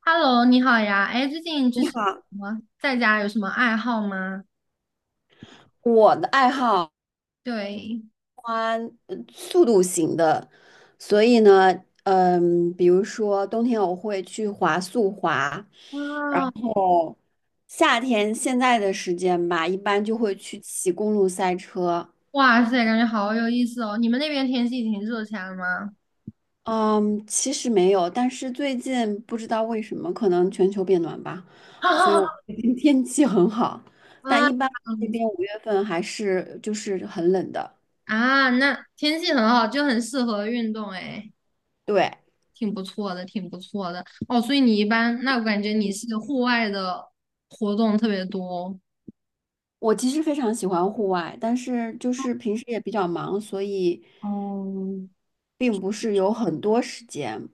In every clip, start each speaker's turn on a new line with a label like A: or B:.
A: Hello，你好呀。哎，最近就
B: 你
A: 是什
B: 好，
A: 么在家有什么爱好吗？
B: 我的爱好
A: 对，
B: 速度型的，所以呢，比如说冬天我会去滑速滑，然
A: 啊，
B: 后夏天现在的时间吧，一般就会去骑公路赛车。
A: 哇塞，感觉好有意思哦。你们那边天气挺热起来了吗？
B: 嗯，其实没有，但是最近不知道为什么，可能全球变暖吧，所以我最 近 天气很好，但
A: 啊，
B: 一般这
A: 嗯
B: 边五月份还是就是很冷的。
A: 啊，那天气很好，就很适合运动，哎，
B: 对。
A: 挺不错的，挺不错的。哦，所以你一般，那我感觉你是户外的活动特别多。
B: 我其实非常喜欢户外，但是就是平时也比较忙，所以
A: 哦，
B: 并不是有很多时间。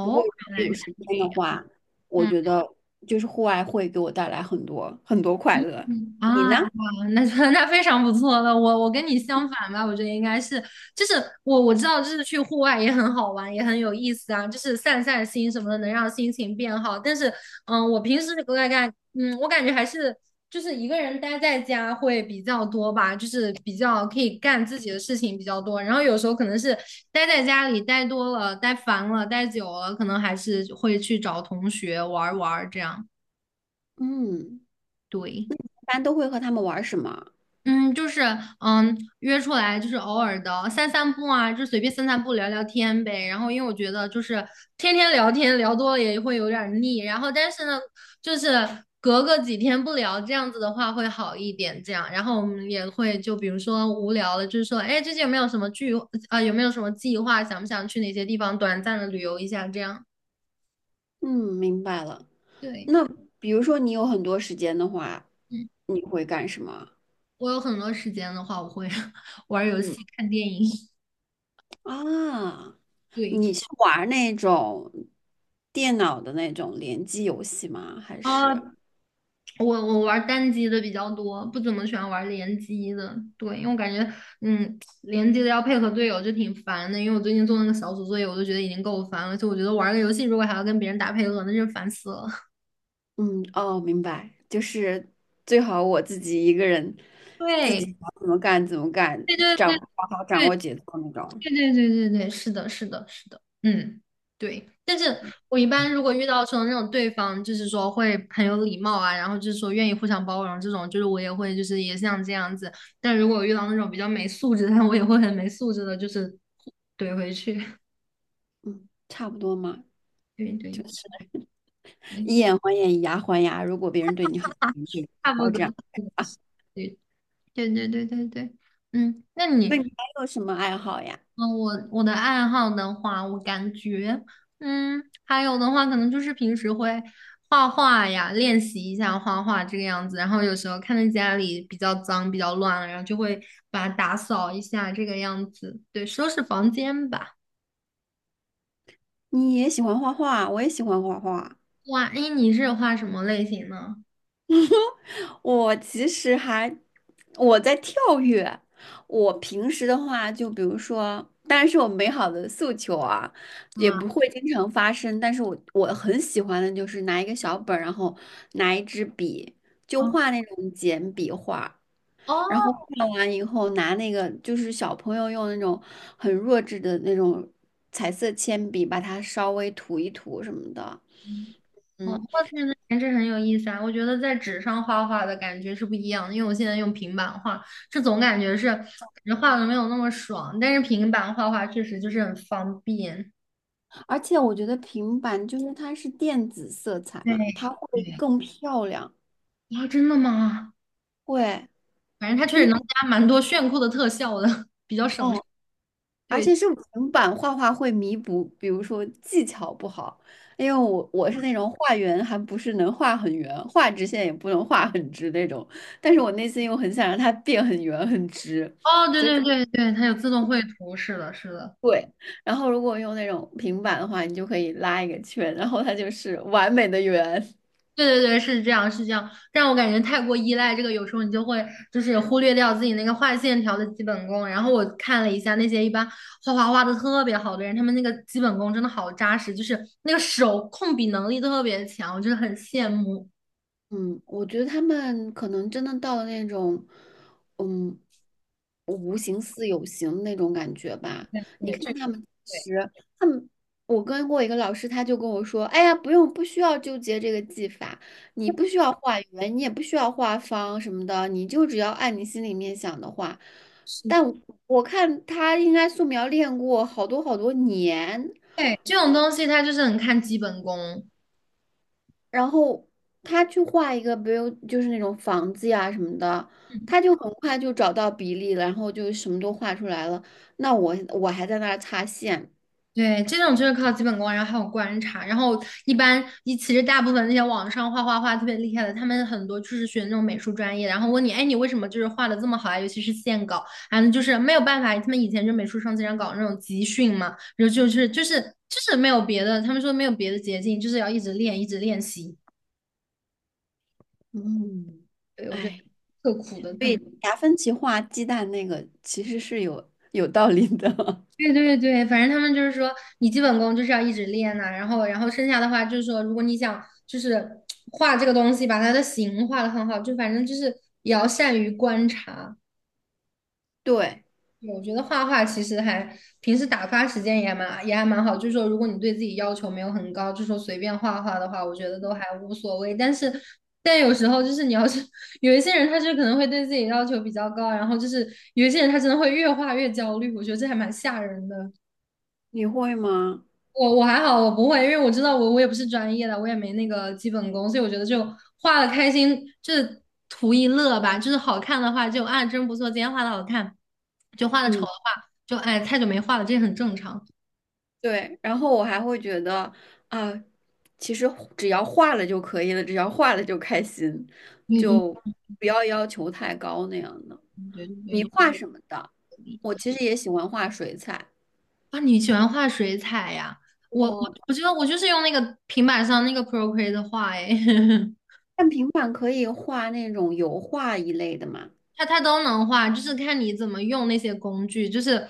B: 不过如
A: 原
B: 果
A: 来
B: 有
A: 是
B: 时
A: 这
B: 间的
A: 样。
B: 话，我
A: 嗯
B: 觉得就是户外会给我带来很多很多快乐。
A: 嗯
B: 你
A: 啊，
B: 呢？
A: 好那 那非常不错了。我跟你相反吧，我觉得应该是，就是我知道，就是去户外也很好玩，也很有意思啊，就是散散心什么的，能让心情变好。但是，嗯，我平时我感感，嗯，我感觉还是就是一个人待在家会比较多吧，就是比较可以干自己的事情比较多。然后有时候可能是待在家里待多了、待烦了、待久了，可能还是会去找同学玩儿玩儿这样。
B: 嗯，
A: 对。
B: 一般都会和他们玩什么？
A: 嗯，就是嗯，约出来就是偶尔的散散步啊，就随便散散步聊聊天呗。然后因为我觉得就是天天聊天聊多了也会有点儿腻，然后但是呢，就是隔个几天不聊这样子的话会好一点。这样，然后我们也会就比如说无聊了，就是说，哎，最近有没有什么聚啊、有没有什么计划？想不想去哪些地方短暂的旅游一下？这样，
B: 嗯，明白了。
A: 对，
B: 那比如说你有很多时间的话，
A: 嗯，
B: 你会干什么？
A: 我有很多时间的话，我会 玩儿游
B: 嗯
A: 戏、看电影，
B: 啊，
A: 对。
B: 你是玩儿那种电脑的那种联机游戏吗？还是？
A: 哦，我玩单机的比较多，不怎么喜欢玩联机的。对，因为我感觉，嗯，联机的要配合队友就挺烦的。因为我最近做那个小组作业，我都觉得已经够烦了。就我觉得玩个游戏如果还要跟别人打配合，那就烦死了。
B: 嗯，哦，明白，就是最好我自己一个人，自己
A: 对，
B: 想怎么干怎么干，
A: 对对
B: 掌
A: 对
B: 好好掌
A: 对
B: 握节奏那种，
A: 对对对对对，是的，是的，是的，嗯，对。但是我一般如果遇到说那种对方，就是说会很有礼貌啊，然后就是说愿意互相包容这种，就是我也会就是也像这样子。但如果我遇到那种比较没素质的，我也会很没素质的，就是怼回去。
B: 差不多嘛，
A: 对对
B: 就是
A: 对，
B: 以眼还眼，以牙还牙。如果别人对你好，你对
A: 差不
B: 好这样
A: 多。
B: 啊。
A: 对对对对对对，嗯，那
B: 那
A: 你
B: 你还有什么爱好呀？
A: 嗯，我我的爱好的话，我感觉，嗯，还有的话，可能就是平时会画画呀，练习一下画画这个样子。然后有时候看见家里比较脏、比较乱了，然后就会把它打扫一下这个样子，对，收拾房间吧。
B: 你也喜欢画画，我也喜欢画画。
A: 哇，哎，你是画什么类型呢？
B: 我其实还我在跳跃。我平时的话，就比如说，当然是我美好的诉求啊，也不
A: 啊，
B: 会经常发生。但是我很喜欢的就是拿一个小本儿，然后拿一支笔，就
A: 哦，
B: 画那种简笔画。
A: 哦
B: 然后画完以后，拿那个就是小朋友用那种很弱智的那种彩色铅笔，把它稍微涂一涂什么的。
A: 哦，
B: 嗯。
A: 画自来的颜值很有意思啊！我觉得在纸上画画的感觉是不一样的，因为我现在用平板画，总感觉觉画的没有那么爽，但是平板画画确实就是很方便。
B: 而且我觉得平板就是它是电子色彩
A: 对
B: 嘛，它会
A: 对。
B: 更漂亮，
A: 啊，真的吗？
B: 会
A: 反正它确
B: 就
A: 实
B: 是
A: 能加蛮多炫酷的特效的，比较省事
B: 哦，而
A: 对，
B: 且是平板画画会弥补，比如说技巧不好，因为我是那种画圆还不是能画很圆，画直线也不能画很直那种，但是我内心又很想让它变很圆很直。
A: 哦，对对对对，它有自动绘图，是的，是的。
B: 对，然后如果用那种平板的话，你就可以拉一个圈，然后它就是完美的圆。
A: 对对对，是这样，是这样，让我感觉太过依赖这个，有时候你就会就是忽略掉自己那个画线条的基本功。然后我看了一下那些一般画画画的特别好的人，他们那个基本功真的好扎实，就是那个手控笔能力特别强，我就是很羡慕。
B: 嗯，我觉得他们可能真的到了那种，嗯，无形似有形的那种感觉吧。你
A: 对，这
B: 看他们
A: 对
B: 其实，他们，我跟过一个老师，他就跟我说：“哎呀，不用，不需要纠结这个技法，你不需要画圆，你也不需要画方什么的，你就只要按你心里面想的画。”
A: 是。
B: 但我看他应该素描练过好多好多年，
A: 对，这种东西它就是很看基本功。
B: 然后他去画一个，比如就是那种房子呀什么的，他就很快就找到比例了，然后就什么都画出来了。那我还在那儿擦线，
A: 对，这种就是靠基本功，然后还有观察，然后一般一其实大部分那些网上画画画特别厉害的，他们很多就是学那种美术专业，然后问你，哎，你为什么就是画的这么好啊？尤其是线稿，反正就是没有办法，他们以前就美术生经常搞那种集训嘛，然后就是没有别的，他们说没有别的捷径，就是要一直练，一直练习。
B: 嗯，
A: 对，我觉得
B: 哎，
A: 特苦的，
B: 所
A: 他
B: 以
A: 们。
B: 达芬奇画鸡蛋那个其实是有道理的。
A: 对对对，反正他们就是说，你基本功就是要一直练呐、然后剩下的话就是说，如果你想就是画这个东西，把它的形画的很好，就反正就是也要善于观察。
B: 对，
A: 对我觉得画画其实还平时打发时间也还蛮好，就是说如果你对自己要求没有很高，就说随便画画的话，我觉得都还无所谓。但是但有时候就是你要是 有一些人，他就可能会对自己要求比较高，然后就是有一些人他真的会越画越焦虑，我觉得这还蛮吓人的。
B: 你会吗？
A: 我还好，我不会，因为我知道我也不是专业的，我也没那个基本功，所以我觉得就画的开心，就是图一乐吧。就是好看的话就啊真不错，今天画的好看，就画的丑的
B: 嗯，
A: 话就哎太久没画了，这也很正常。
B: 对。然后我还会觉得啊，其实只要画了就可以了，只要画了就开心，
A: 对对
B: 就不要要求太高那样的。
A: 对对
B: 你
A: 对，
B: 画什么的？我其实也喜欢画水彩。
A: 啊，你喜欢画水彩呀？我
B: 我
A: 我觉得我就是用那个平板上那个 Procreate 画哎。
B: 看平板可以画那种油画一类的嘛？
A: 它都能画，就是看你怎么用那些工具。就是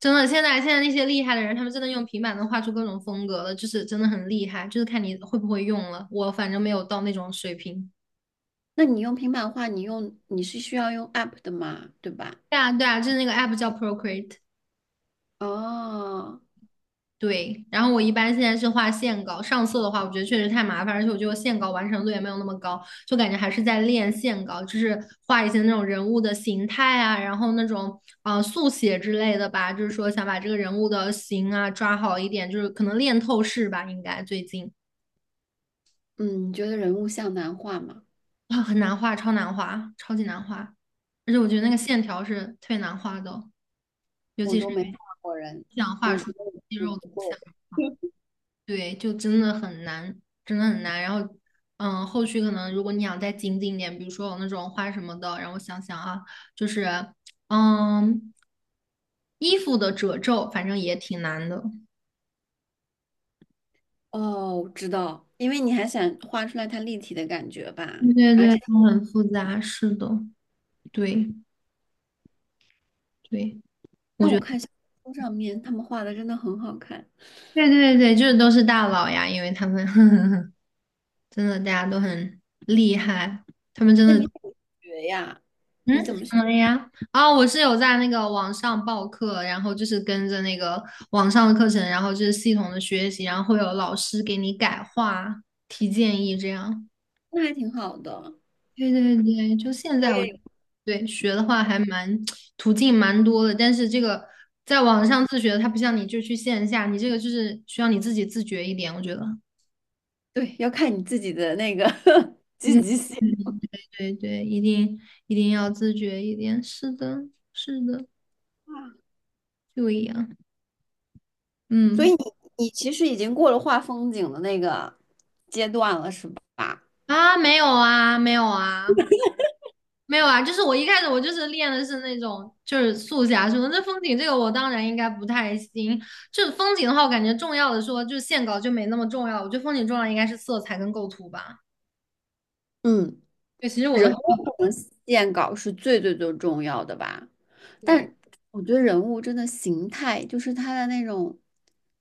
A: 真的，现在那些厉害的人，他们真的用平板能画出各种风格了，就是真的很厉害。就是看你会不会用了。我反正没有到那种水平。
B: 那你用平板画，你用你是需要用 App 的嘛？对吧？
A: 对啊，对啊，就是那个 app 叫 Procreate。
B: 哦，
A: 对，然后我一般现在是画线稿，上色的话，我觉得确实太麻烦，而且我觉得线稿完成度也没有那么高，就感觉还是在练线稿，就是画一些那种人物的形态啊，然后那种速写之类的吧，就是说想把这个人物的形啊抓好一点，就是可能练透视吧，应该最近
B: 嗯，你觉得人物像难画吗？
A: 啊很难画，超难画，超级难画，而且我觉得那个线条是特别难画的哦，尤
B: 我
A: 其是
B: 都没画过人，
A: 想画
B: 我觉
A: 出
B: 得
A: 肌
B: 我
A: 肉图
B: 不
A: 像。
B: 够。
A: 对，就真的很难，真的很难。然后，嗯，后续可能如果你想再精进一点，比如说有那种画什么的，让我想想啊，就是，嗯，衣服的褶皱，反正也挺难的。
B: 哦，我知道，因为你还想画出来它立体的感觉吧？
A: 对对
B: 而
A: 对，
B: 且，
A: 都很复杂，是的，对对，我
B: 但
A: 觉
B: 我
A: 得，
B: 看小红书上面他们画的真的很好看。
A: 对对对，就是都是大佬呀，因为他们 真的大家都很厉害，他们真
B: 那你
A: 的
B: 怎么学呀？你
A: 嗯，怎
B: 怎么学？
A: 么了呀？啊、我是有在那个网上报课，然后就是跟着那个网上的课程，然后就是系统的学习，然后会有老师给你改话、提建议这样。
B: 那还挺好的。
A: 对对对，就现
B: 我
A: 在我
B: 也有
A: 对学的话还蛮途径蛮多的，但是这个在网上自学的它不像你就去线下，你这个就是需要你自己自觉一点，我觉得。
B: 对，要看你自己的那个 积
A: 对
B: 极性。
A: 对对，一定要自觉一点，是的，是的，就一样，
B: 所
A: 嗯。
B: 以你其实已经过了画风景的那个阶段了，是吧？
A: 啊，没有啊，就是我一开始就是练的是那种就是速侠什么，这风景这个我当然应该不太行。就是风景的话，我感觉重要的说就是线稿就没那么重要，我觉得风景重要应该是色彩跟构图吧。
B: 嗯，
A: 对，其实我都
B: 人
A: 很
B: 物和线稿是最最最重要的吧？
A: 对
B: 但我觉得人物真的形态，就是他的那种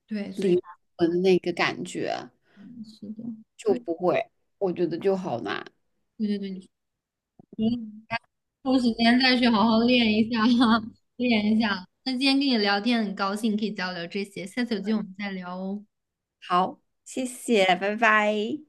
A: 对，所以
B: 灵魂那个感觉
A: 嗯是的，
B: 就
A: 对
B: 不会，我觉得就好难。
A: 对对对，你说嗯抽时间再去好好练一下，练一下。那今天跟你聊天很高兴，可以交流这些，下次有机会我们再聊哦。
B: 好，谢谢，拜拜。